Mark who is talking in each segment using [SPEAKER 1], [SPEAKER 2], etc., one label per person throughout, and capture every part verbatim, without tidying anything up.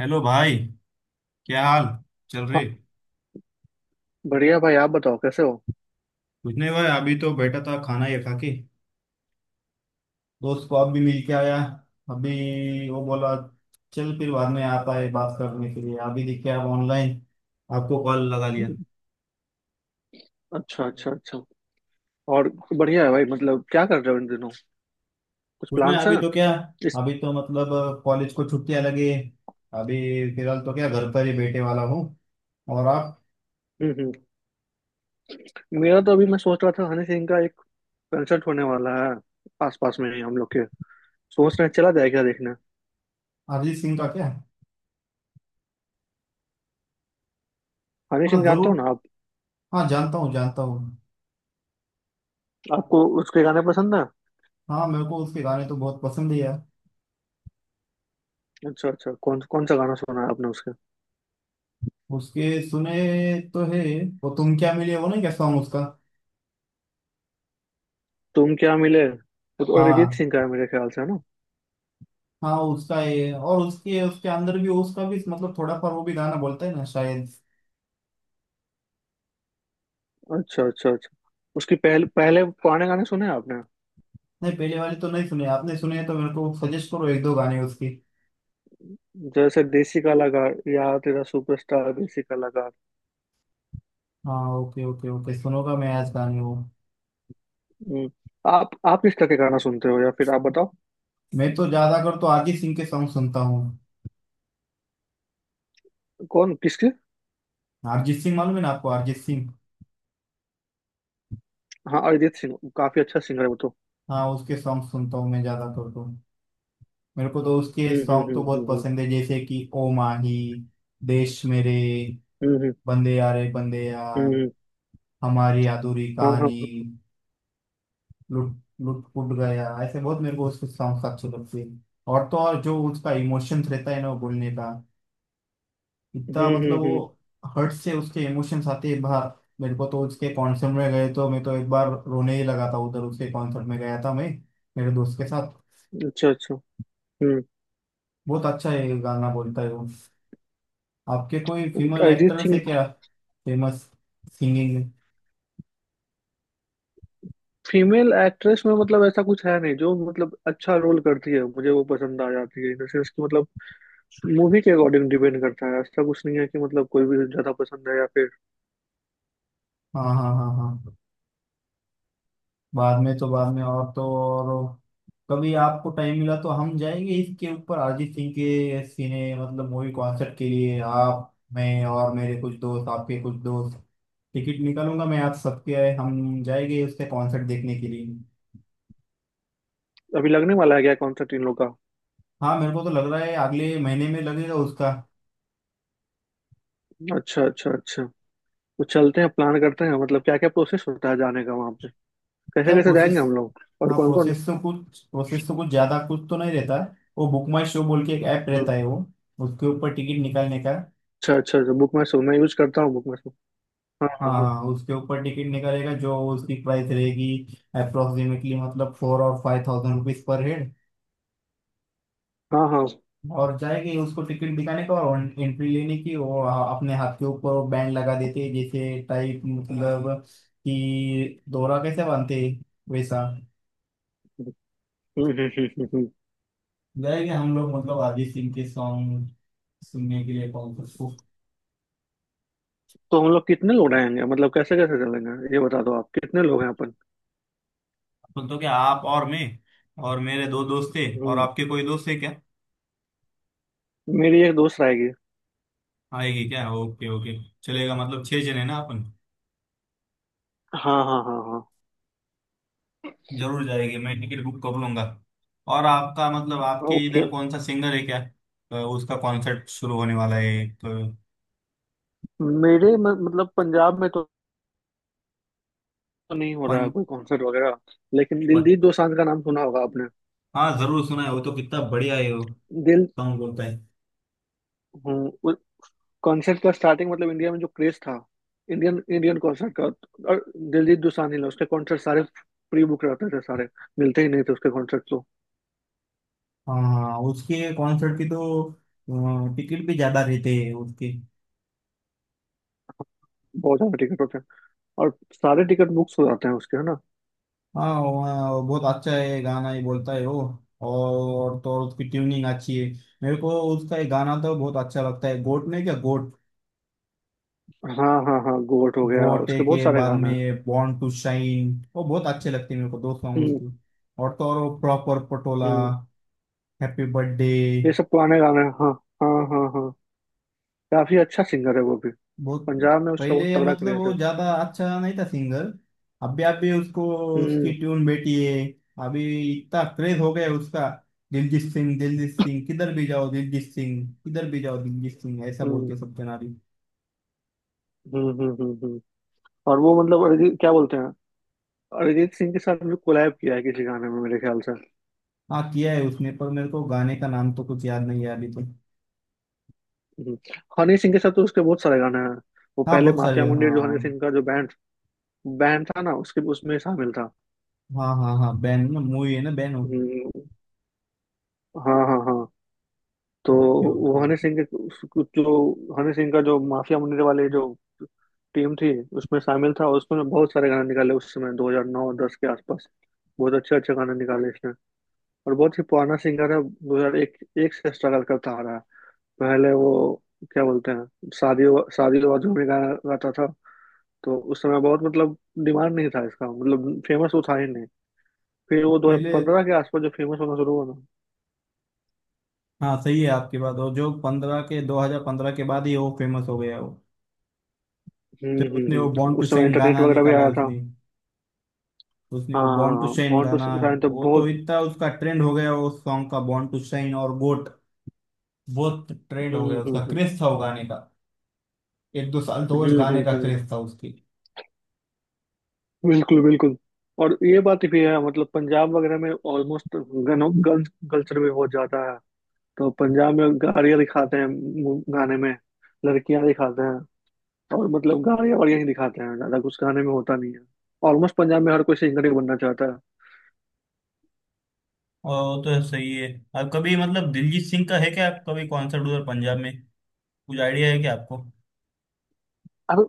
[SPEAKER 1] Hello भाई। क्या हाल चल
[SPEAKER 2] हाँ
[SPEAKER 1] रहे?
[SPEAKER 2] बढ़िया भाई आप बताओ कैसे हो।
[SPEAKER 1] कुछ नहीं भाई, अभी तो बैठा था खाना ये खा के। दोस्त को अब भी मिल के आया। अभी वो बोला चल फिर बाद में आता है बात करने के लिए। अभी देखिए आप ऑनलाइन, आपको कॉल लगा लिया।
[SPEAKER 2] अच्छा अच्छा अच्छा। और बढ़िया है भाई, मतलब क्या कर रहे हो इन दिनों? कुछ
[SPEAKER 1] कुछ नहीं
[SPEAKER 2] प्लान्स हैं?
[SPEAKER 1] अभी तो क्या,
[SPEAKER 2] इस
[SPEAKER 1] अभी तो मतलब कॉलेज को छुट्टियां लगी है। अभी फिलहाल तो क्या घर पर ही बैठे वाला हूँ। और आप?
[SPEAKER 2] हम्म हम्म मेरा तो अभी मैं सोच रहा था हनी सिंह का एक कंसर्ट होने वाला है, आस पास में ही हम लोग के। सोच रहे हैं चला जाए क्या देखने।
[SPEAKER 1] अरिजीत सिंह का क्या?
[SPEAKER 2] हनी सिंह
[SPEAKER 1] हाँ
[SPEAKER 2] जानते
[SPEAKER 1] जरूर।
[SPEAKER 2] हो ना आप?
[SPEAKER 1] हाँ जानता हूँ जानता हूँ।
[SPEAKER 2] आपको उसके गाने पसंद है?
[SPEAKER 1] हाँ मेरे को उसके गाने तो बहुत पसंद है यार।
[SPEAKER 2] अच्छा अच्छा, कौन कौन सा गाना सुना है आपने उसके?
[SPEAKER 1] उसके सुने तो है। वो तुम क्या मिले, वो नहीं क्या सॉन्ग उसका?
[SPEAKER 2] तुम क्या मिले वो तो अरिजीत
[SPEAKER 1] हाँ
[SPEAKER 2] सिंह का है मेरे ख्याल से, है ना?
[SPEAKER 1] हाँ उसका है। और उसके उसके अंदर भी उसका भी मतलब थोड़ा पर वो भी गाना बोलता है ना शायद।
[SPEAKER 2] अच्छा अच्छा अच्छा। उसकी पहले पहले पुराने गाने सुने हैं आपने?
[SPEAKER 1] नहीं पहले वाले तो नहीं सुने। आपने सुने हैं तो मेरे को सजेस्ट करो एक दो गाने उसके।
[SPEAKER 2] जैसे देसी कलाकार या तेरा सुपरस्टार, देसी कलाकार।
[SPEAKER 1] हाँ, ओके ओके ओके, सुनूंगा मैं आज गाने वो।
[SPEAKER 2] हम्म, आप आप किस तरह के गाना सुनते हो या फिर आप बताओ?
[SPEAKER 1] मैं तो ज्यादा कर तो अरिजीत सिंह के सॉन्ग सुनता हूँ।
[SPEAKER 2] कौन किसके?
[SPEAKER 1] अरिजीत सिंह मालूम है ना आपको? अरिजीत सिंह।
[SPEAKER 2] हाँ, अरिजीत सिंह काफी अच्छा सिंगर है वो तो।
[SPEAKER 1] हाँ उसके सॉन्ग सुनता हूँ मैं ज्यादा कर तो। मेरे को तो उसके
[SPEAKER 2] हम्म
[SPEAKER 1] सॉन्ग तो
[SPEAKER 2] हम्म
[SPEAKER 1] बहुत
[SPEAKER 2] हम्म
[SPEAKER 1] पसंद है, जैसे कि ओ माही, देश मेरे,
[SPEAKER 2] हम्म हम्म
[SPEAKER 1] बंदे यारे बंदे यार,
[SPEAKER 2] हम्म हम्म, हम्म।
[SPEAKER 1] हमारी अधूरी
[SPEAKER 2] हाँ
[SPEAKER 1] कहानी,
[SPEAKER 2] हाँ।
[SPEAKER 1] लुट लुट फुट गया, ऐसे बहुत मेरे को उसके सॉन्ग्स अच्छे लगते हैं। और तो और जो उसका इमोशंस रहता है ना वो बोलने का,
[SPEAKER 2] हम्म
[SPEAKER 1] इतना
[SPEAKER 2] हम्म
[SPEAKER 1] मतलब
[SPEAKER 2] हम्म।
[SPEAKER 1] वो, हर्ट से उसके इमोशंस आते हैं बाहर। मेरे को तो उसके कॉन्सर्ट में गए तो मैं तो एक बार रोने ही लगा था उधर। उसके कॉन्सर्ट में गया था मैं मेरे दोस्त के साथ।
[SPEAKER 2] अच्छा अच्छा। हम्म
[SPEAKER 1] बहुत अच्छा ये गाना बोलता है वो। आपके कोई फीमेल
[SPEAKER 2] अरिजीत
[SPEAKER 1] एक्टर्स है
[SPEAKER 2] सिंह।
[SPEAKER 1] क्या, फेमस सिंगिंग में?
[SPEAKER 2] फीमेल एक्ट्रेस में मतलब ऐसा कुछ है नहीं जो मतलब अच्छा रोल करती है मुझे वो पसंद आ जाती है, इन द सेंस कि मतलब मूवी के अकॉर्डिंग डिपेंड करता है। ऐसा कुछ नहीं है कि मतलब कोई भी ज्यादा पसंद है या फिर।
[SPEAKER 1] हाँ हाँ हाँ हाँ। बाद में तो बाद में, और तो और, कभी आपको टाइम मिला तो हम जाएंगे इसके ऊपर अरिजीत सिंह के सिने मतलब मूवी कॉन्सर्ट के लिए। आप मैं और मेरे कुछ दोस्त, आपके कुछ दोस्त, टिकट निकालूंगा मैं आप सबके। हम जाएंगे उसके कॉन्सर्ट देखने के लिए।
[SPEAKER 2] अभी लगने वाला है क्या कॉन्सर्ट इन लोग का?
[SPEAKER 1] हाँ मेरे को तो लग रहा है अगले महीने में लगेगा उसका।
[SPEAKER 2] अच्छा अच्छा अच्छा। तो चलते हैं प्लान करते हैं, मतलब क्या क्या प्रोसेस होता है जाने का वहां पे? कैसे
[SPEAKER 1] क्या
[SPEAKER 2] कैसे जाएंगे
[SPEAKER 1] प्रोसेस?
[SPEAKER 2] हम लोग और
[SPEAKER 1] हाँ
[SPEAKER 2] कौन कौन?
[SPEAKER 1] प्रोसेस तो कुछ, प्रोसेस तो कुछ ज़्यादा कुछ तो नहीं रहता है। वो बुक माई शो बोल के एक ऐप
[SPEAKER 2] हम्म।
[SPEAKER 1] रहता है वो। उसके ऊपर टिकट निकालने का।
[SPEAKER 2] अच्छा अच्छा अच्छा, बुक माई शो मैं यूज करता हूँ, बुक माई शो। हाँ हाँ
[SPEAKER 1] हाँ
[SPEAKER 2] हाँ।
[SPEAKER 1] हाँ, उसके ऊपर टिकट निकलेगा। जो उसकी प्राइस रहेगी अप्रोक्सीमेटली मतलब फोर और five thousand rupees per head.
[SPEAKER 2] हाँ। हाँ
[SPEAKER 1] और जाएगी उसको टिकट दिखाने का और एंट्री लेने की। और आ- अपने हाथ के ऊपर बैंड लगा देते हैं जैसे टाइप मतलब कि दोहरा कैसे बांधते हैं, वैसा।
[SPEAKER 2] हम्म हम्म हम्म हम्म, हम्म।
[SPEAKER 1] जाएंगे हम लोग मतलब अरिजीत सिंह के सॉन्ग सुनने के लिए कॉन्सर्ट को।
[SPEAKER 2] तो हम लोग कितने लोग रहेंगे, मतलब कैसे कैसे चलेंगे ये बता दो? आप कितने लोग हैं अपन?
[SPEAKER 1] तो, तो क्या आप और मैं और मेरे दो दोस्त थे। और
[SPEAKER 2] हम्म।
[SPEAKER 1] आपके कोई दोस्त है क्या?
[SPEAKER 2] मेरी एक दोस्त रहेगी।
[SPEAKER 1] आएगी क्या? ओके ओके, चलेगा। मतलब छह जने ना अपन।
[SPEAKER 2] हाँ हाँ हाँ हाँ।
[SPEAKER 1] जरूर जाएगी। मैं टिकट बुक कर लूंगा। और आपका मतलब आपके
[SPEAKER 2] ओके।
[SPEAKER 1] इधर कौन सा सिंगर है क्या, तो उसका कॉन्सर्ट शुरू होने वाला है तो?
[SPEAKER 2] मेरे म- मतलब पंजाब में तो नहीं हो रहा है
[SPEAKER 1] पन,
[SPEAKER 2] कोई कॉन्सर्ट वगैरह। लेकिन
[SPEAKER 1] प-
[SPEAKER 2] दिलजीत दोसांझ का नाम सुना होगा आपने।
[SPEAKER 1] हाँ जरूर सुना है। वो तो कितना बढ़िया है, वो
[SPEAKER 2] दिल
[SPEAKER 1] सॉन्ग बोलता है।
[SPEAKER 2] हम्म कॉन्सर्ट का स्टार्टिंग मतलब इंडिया में जो क्रेज था, इंडियन इंडियन कॉन्सर्ट का, और दिलजीत दोसांझ ने उसके कॉन्सर्ट सारे प्री बुक रहते थे सारे, मिलते ही नहीं थे उसके कॉन्सर्ट तो।
[SPEAKER 1] हाँ उसके कॉन्सर्ट की तो टिकट भी ज्यादा रहते हैं उसके।
[SPEAKER 2] बहुत ज्यादा टिकट होते हैं, और सारे टिकट बुक्स हो जाते हैं उसके, है ना?
[SPEAKER 1] हाँ वो, अ, बहुत अच्छा है। गाना ही बोलता है वो। और तो और उसकी ट्यूनिंग अच्छी है। मेरे को उसका एक गाना तो बहुत अच्छा लगता है, गोट नहीं क्या, गोट।
[SPEAKER 2] हाँ हाँ हाँ, गोट हो गया,
[SPEAKER 1] गोटे
[SPEAKER 2] उसके बहुत
[SPEAKER 1] के
[SPEAKER 2] सारे
[SPEAKER 1] बाद
[SPEAKER 2] गाने हैं।
[SPEAKER 1] में बॉर्न टू शाइन, वो बहुत अच्छे लगते हैं मेरे को दो सॉन्ग
[SPEAKER 2] हम्म
[SPEAKER 1] उसके। और तो और वो प्रॉपर पटोला,
[SPEAKER 2] हम्म।
[SPEAKER 1] हैप्पी बर्थडे,
[SPEAKER 2] ये सब पुराने गाने हैं हाँ। हाँ हाँ हाँ। काफी अच्छा सिंगर है वो भी।
[SPEAKER 1] बहुत।
[SPEAKER 2] पंजाब में उसका बहुत
[SPEAKER 1] पहले
[SPEAKER 2] तगड़ा
[SPEAKER 1] मतलब
[SPEAKER 2] क्रेज
[SPEAKER 1] वो
[SPEAKER 2] है।
[SPEAKER 1] ज्यादा अच्छा नहीं था सिंगर। अभी अभी उसको, उसकी
[SPEAKER 2] हम्म
[SPEAKER 1] ट्यून बेटी है। अभी इतना क्रेज हो गया है उसका। दिलजीत सिंह, दिलजीत सिंह, किधर भी जाओ दिलजीत सिंह, किधर भी जाओ दिलजीत सिंह, ऐसा बोल
[SPEAKER 2] हम्म
[SPEAKER 1] के सब जना रही।
[SPEAKER 2] हम्म हम्म हम्म हम्म। और वो मतलब अरिजीत, क्या बोलते हैं, अरिजीत सिंह के साथ भी कोलैब किया है किसी गाने में मेरे ख्याल से।
[SPEAKER 1] हाँ किया है उसने, पर मेरे को गाने का नाम तो कुछ याद नहीं है अभी तो।
[SPEAKER 2] हम्म, हनी सिंह के साथ तो उसके बहुत सारे गाने हैं। वो
[SPEAKER 1] हाँ
[SPEAKER 2] पहले
[SPEAKER 1] बहुत सारे,
[SPEAKER 2] माफिया मुंडी जो हनी
[SPEAKER 1] हाँ
[SPEAKER 2] सिंह का जो बैंड बैंड था ना, उसके उसमें शामिल था।
[SPEAKER 1] हाँ हाँ हाँ। बैन ना मूवी है ना, बैनो।
[SPEAKER 2] हम्म। हाँ हाँ हाँ। तो
[SPEAKER 1] ओके
[SPEAKER 2] वो
[SPEAKER 1] ओके।
[SPEAKER 2] हनी सिंह के उस- कुछ जो, हनी सिंह का जो माफिया मुंडी वाले जो टीम थी, उसमें शामिल था और उसमें बहुत सारे गाने निकाले उस समय दो हज़ार नौ दस के आसपास। बहुत अच्छे अच्छे गाने निकाले इसने। और बहुत ही पुराना सिंगर है, 2001 एक एक से स्ट्रगल करता आ रहा है। पहले वो, क्या बोलते हैं, शादियों शादियों वादियों में गाना गाता था। तो उस समय बहुत मतलब डिमांड नहीं था इसका, मतलब फेमस वो था ही नहीं। फिर वो
[SPEAKER 1] पहले,
[SPEAKER 2] दो हज़ार पंद्रह के आसपास जो फेमस होना शुरू हुआ ना।
[SPEAKER 1] हाँ सही है आपकी बात। और जो पंद्रह के दो हज़ार पंद्रह के बाद ही वो फेमस हो गया वो।
[SPEAKER 2] हम्म
[SPEAKER 1] जब
[SPEAKER 2] हम्म
[SPEAKER 1] उसने वो
[SPEAKER 2] हम्म
[SPEAKER 1] बॉर्न टू
[SPEAKER 2] उस समय
[SPEAKER 1] शाइन
[SPEAKER 2] इंटरनेट
[SPEAKER 1] गाना
[SPEAKER 2] वगैरह भी
[SPEAKER 1] निकाला,
[SPEAKER 2] आया था।
[SPEAKER 1] उसने उसने वो बॉर्न टू
[SPEAKER 2] हाँ,
[SPEAKER 1] शाइन
[SPEAKER 2] बॉन्ड टू
[SPEAKER 1] गाना है,
[SPEAKER 2] साइन तो
[SPEAKER 1] वो तो
[SPEAKER 2] बहुत।
[SPEAKER 1] इतना उसका ट्रेंड हो गया। वो सॉन्ग का बॉर्न टू शाइन और गोट बहुत ट्रेंड हो
[SPEAKER 2] हम्म
[SPEAKER 1] गया
[SPEAKER 2] हम्म
[SPEAKER 1] उसका,
[SPEAKER 2] हम्म
[SPEAKER 1] क्रेज था वो गाने का। एक दो साल तो वो
[SPEAKER 2] हम्म
[SPEAKER 1] गाने
[SPEAKER 2] हम्म,
[SPEAKER 1] का
[SPEAKER 2] हम्म,
[SPEAKER 1] क्रेज था उसकी।
[SPEAKER 2] बिल्कुल बिल्कुल। और ये बात भी है, मतलब पंजाब वगैरह में ऑलमोस्ट गन गन कल्चर भी बहुत ज्यादा है। तो पंजाब में गाड़ियाँ दिखाते हैं, मु- गाने में लड़कियां दिखाते हैं, और मतलब गाने बढ़िया ही दिखाते हैं, ज्यादा कुछ गाने में होता नहीं है। ऑलमोस्ट पंजाब में हर कोई सिंगर ही बनना चाहता है।
[SPEAKER 1] और वो तो सही है। आप कभी मतलब दिलजीत सिंह का है क्या, आप कभी कॉन्सर्ट उधर पंजाब में कुछ आइडिया है क्या आपको?
[SPEAKER 2] अब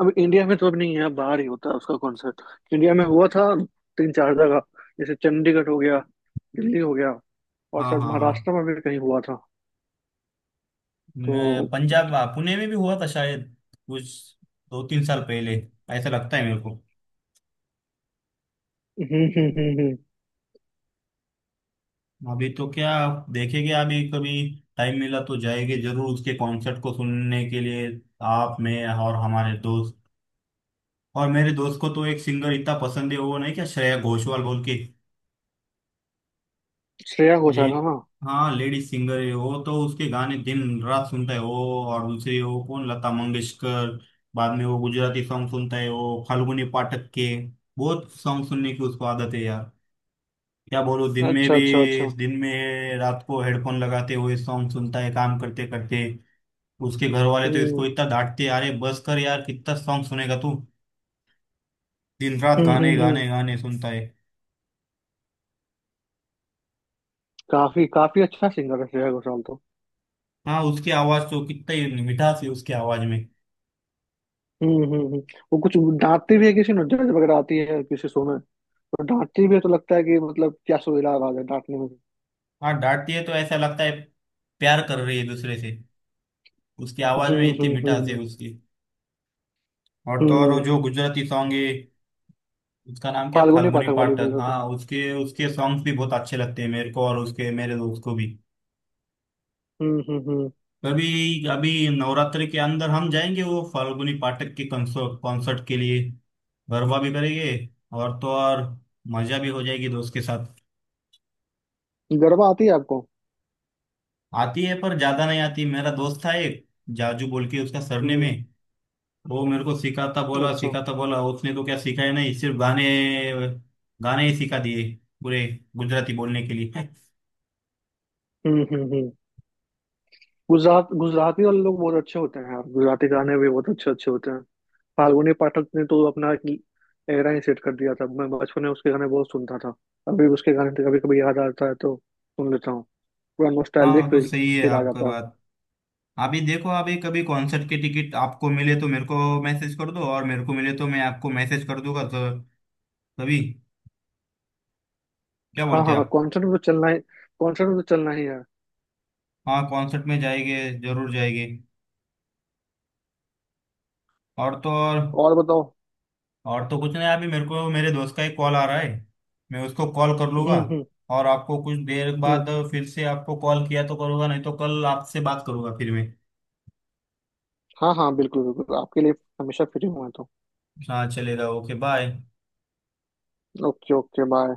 [SPEAKER 2] अब इंडिया में तो अब नहीं है, अब बाहर ही होता है उसका कॉन्सर्ट। इंडिया में हुआ था तीन चार जगह। जैसे चंडीगढ़ हो गया, दिल्ली हो गया, और
[SPEAKER 1] हाँ
[SPEAKER 2] शायद
[SPEAKER 1] हाँ हाँ।
[SPEAKER 2] महाराष्ट्र में भी कहीं हुआ था
[SPEAKER 1] मैं-
[SPEAKER 2] तो।
[SPEAKER 1] पंजाब आ, पुणे में भी हुआ था शायद, कुछ दो तीन साल पहले, ऐसा लगता है मेरे को।
[SPEAKER 2] हम्म हम्म हम्म हम्म।
[SPEAKER 1] अभी तो क्या, देखेंगे। अभी कभी टाइम मिला तो जाएंगे जरूर उसके कॉन्सर्ट को सुनने के लिए, आप मैं और हमारे दोस्त। और मेरे दोस्त को तो एक सिंगर इतना पसंद है, वो नहीं क्या श्रेया घोषाल बोल के।
[SPEAKER 2] श्रेया
[SPEAKER 1] ले
[SPEAKER 2] घोषाल है ना।
[SPEAKER 1] हाँ लेडीज सिंगर है वो। तो उसके गाने दिन रात सुनता है वो। और दूसरी वो कौन, लता मंगेशकर। बाद में वो गुजराती सॉन्ग सुनता है वो फाल्गुनी पाठक के। बहुत सॉन्ग सुनने की उसको आदत है यार, क्या बोलूं। दिन में
[SPEAKER 2] अच्छा
[SPEAKER 1] भी,
[SPEAKER 2] अच्छा अच्छा।
[SPEAKER 1] दिन में रात को हेडफोन लगाते हुए सॉन्ग सुनता है काम करते करते। उसके घर वाले तो इसको
[SPEAKER 2] हम्म
[SPEAKER 1] इतना डांटते हैं, अरे बस कर यार कितना सॉन्ग सुनेगा तू। दिन रात
[SPEAKER 2] हम्म
[SPEAKER 1] गाने
[SPEAKER 2] हम्म हम्म।
[SPEAKER 1] गाने गाने सुनता है।
[SPEAKER 2] काफी काफी अच्छा सिंगर है श्रेया घोषाल तो।
[SPEAKER 1] हाँ उसकी आवाज, तो कितना ही मिठास है उसकी आवाज में।
[SPEAKER 2] हम्म हम्म हम्म। वो कुछ गाती भी है किसी नुक्कड़ वगैरह, आती है किसी शो में, और डांटती भी है तो लगता है कि मतलब क्या सुरीला आवाज है डांटने में भी।
[SPEAKER 1] हाँ डांटती है तो ऐसा लगता है प्यार कर रही है दूसरे से। उसकी आवाज में
[SPEAKER 2] हम्म
[SPEAKER 1] इतनी
[SPEAKER 2] हम्म
[SPEAKER 1] मिठास है
[SPEAKER 2] हम्म
[SPEAKER 1] उसकी। और तो और वो
[SPEAKER 2] हम्म।
[SPEAKER 1] जो गुजराती सॉन्ग है उसका नाम क्या,
[SPEAKER 2] फाल्गुनी
[SPEAKER 1] फाल्गुनी
[SPEAKER 2] पाठक वाली बोल
[SPEAKER 1] पाठक।
[SPEAKER 2] रहे हो?
[SPEAKER 1] हाँ उसके उसके सॉन्ग्स भी बहुत अच्छे लगते हैं मेरे को और उसके, मेरे दोस्त को भी।
[SPEAKER 2] हम्म हम्म हम्म।
[SPEAKER 1] अभी अभी नवरात्रि के अंदर हम जाएंगे वो फाल्गुनी पाठक के कॉन्सर्ट कॉन्सर्ट के लिए। गरबा भी करेंगे और तो और मजा भी हो जाएगी दोस्त के साथ।
[SPEAKER 2] गरबा आती है आपको?
[SPEAKER 1] आती है, पर ज्यादा नहीं आती। मेरा दोस्त था एक, जाजू बोल के उसका सरनेम
[SPEAKER 2] हम्म।
[SPEAKER 1] है। वो मेरे को सिखाता बोला
[SPEAKER 2] अच्छा।
[SPEAKER 1] सिखाता बोला, उसने तो क्या सिखाया नहीं, सिर्फ गाने गाने ही सिखा दिए, पूरे गुजराती बोलने के लिए।
[SPEAKER 2] हम्म हम्म हम्म। गुजरात गुजराती वाले लोग बहुत अच्छे होते हैं यार, गुजराती गाने भी बहुत अच्छे अच्छे होते हैं। फाल्गुनी पाठक ने तो अपना एक एरा ही सेट कर दिया था। मैं बचपन में उसके गाने बहुत सुनता था। अभी उसके गाने तो कभी कभी याद आता है तो सुन लेता हूँ। पूरा
[SPEAKER 1] हाँ
[SPEAKER 2] नॉस्टैल्जिक
[SPEAKER 1] तो
[SPEAKER 2] फील
[SPEAKER 1] सही है
[SPEAKER 2] फील आ
[SPEAKER 1] आपका
[SPEAKER 2] जाता है।
[SPEAKER 1] बात। अभी देखो, अभी कभी कॉन्सर्ट की टिकट आपको मिले तो मेरे को मैसेज कर दो, और मेरे को मिले तो मैं आपको मैसेज कर दूंगा तो। तभी क्या
[SPEAKER 2] हाँ
[SPEAKER 1] बोलते हैं
[SPEAKER 2] हाँ,
[SPEAKER 1] आप?
[SPEAKER 2] कॉन्सर्ट में तो चलना ही कॉन्सर्ट में तो चलना ही है।
[SPEAKER 1] हाँ कॉन्सर्ट में जाएंगे जरूर जाएंगे। और तो और
[SPEAKER 2] और बताओ।
[SPEAKER 1] और तो कुछ नहीं अभी मेरे को, मेरे दोस्त का एक कॉल आ रहा है, मैं उसको कॉल कर लूंगा।
[SPEAKER 2] हम्म हम्म
[SPEAKER 1] और आपको कुछ देर
[SPEAKER 2] हम्म।
[SPEAKER 1] बाद फिर से आपको कॉल किया तो करूंगा, नहीं तो कल आपसे बात करूंगा फिर मैं।
[SPEAKER 2] हाँ हाँ, बिल्कुल बिल्कुल आपके लिए हमेशा फ्री हुआ तो।
[SPEAKER 1] हाँ चलेगा, okay bye.
[SPEAKER 2] Okay okay bye.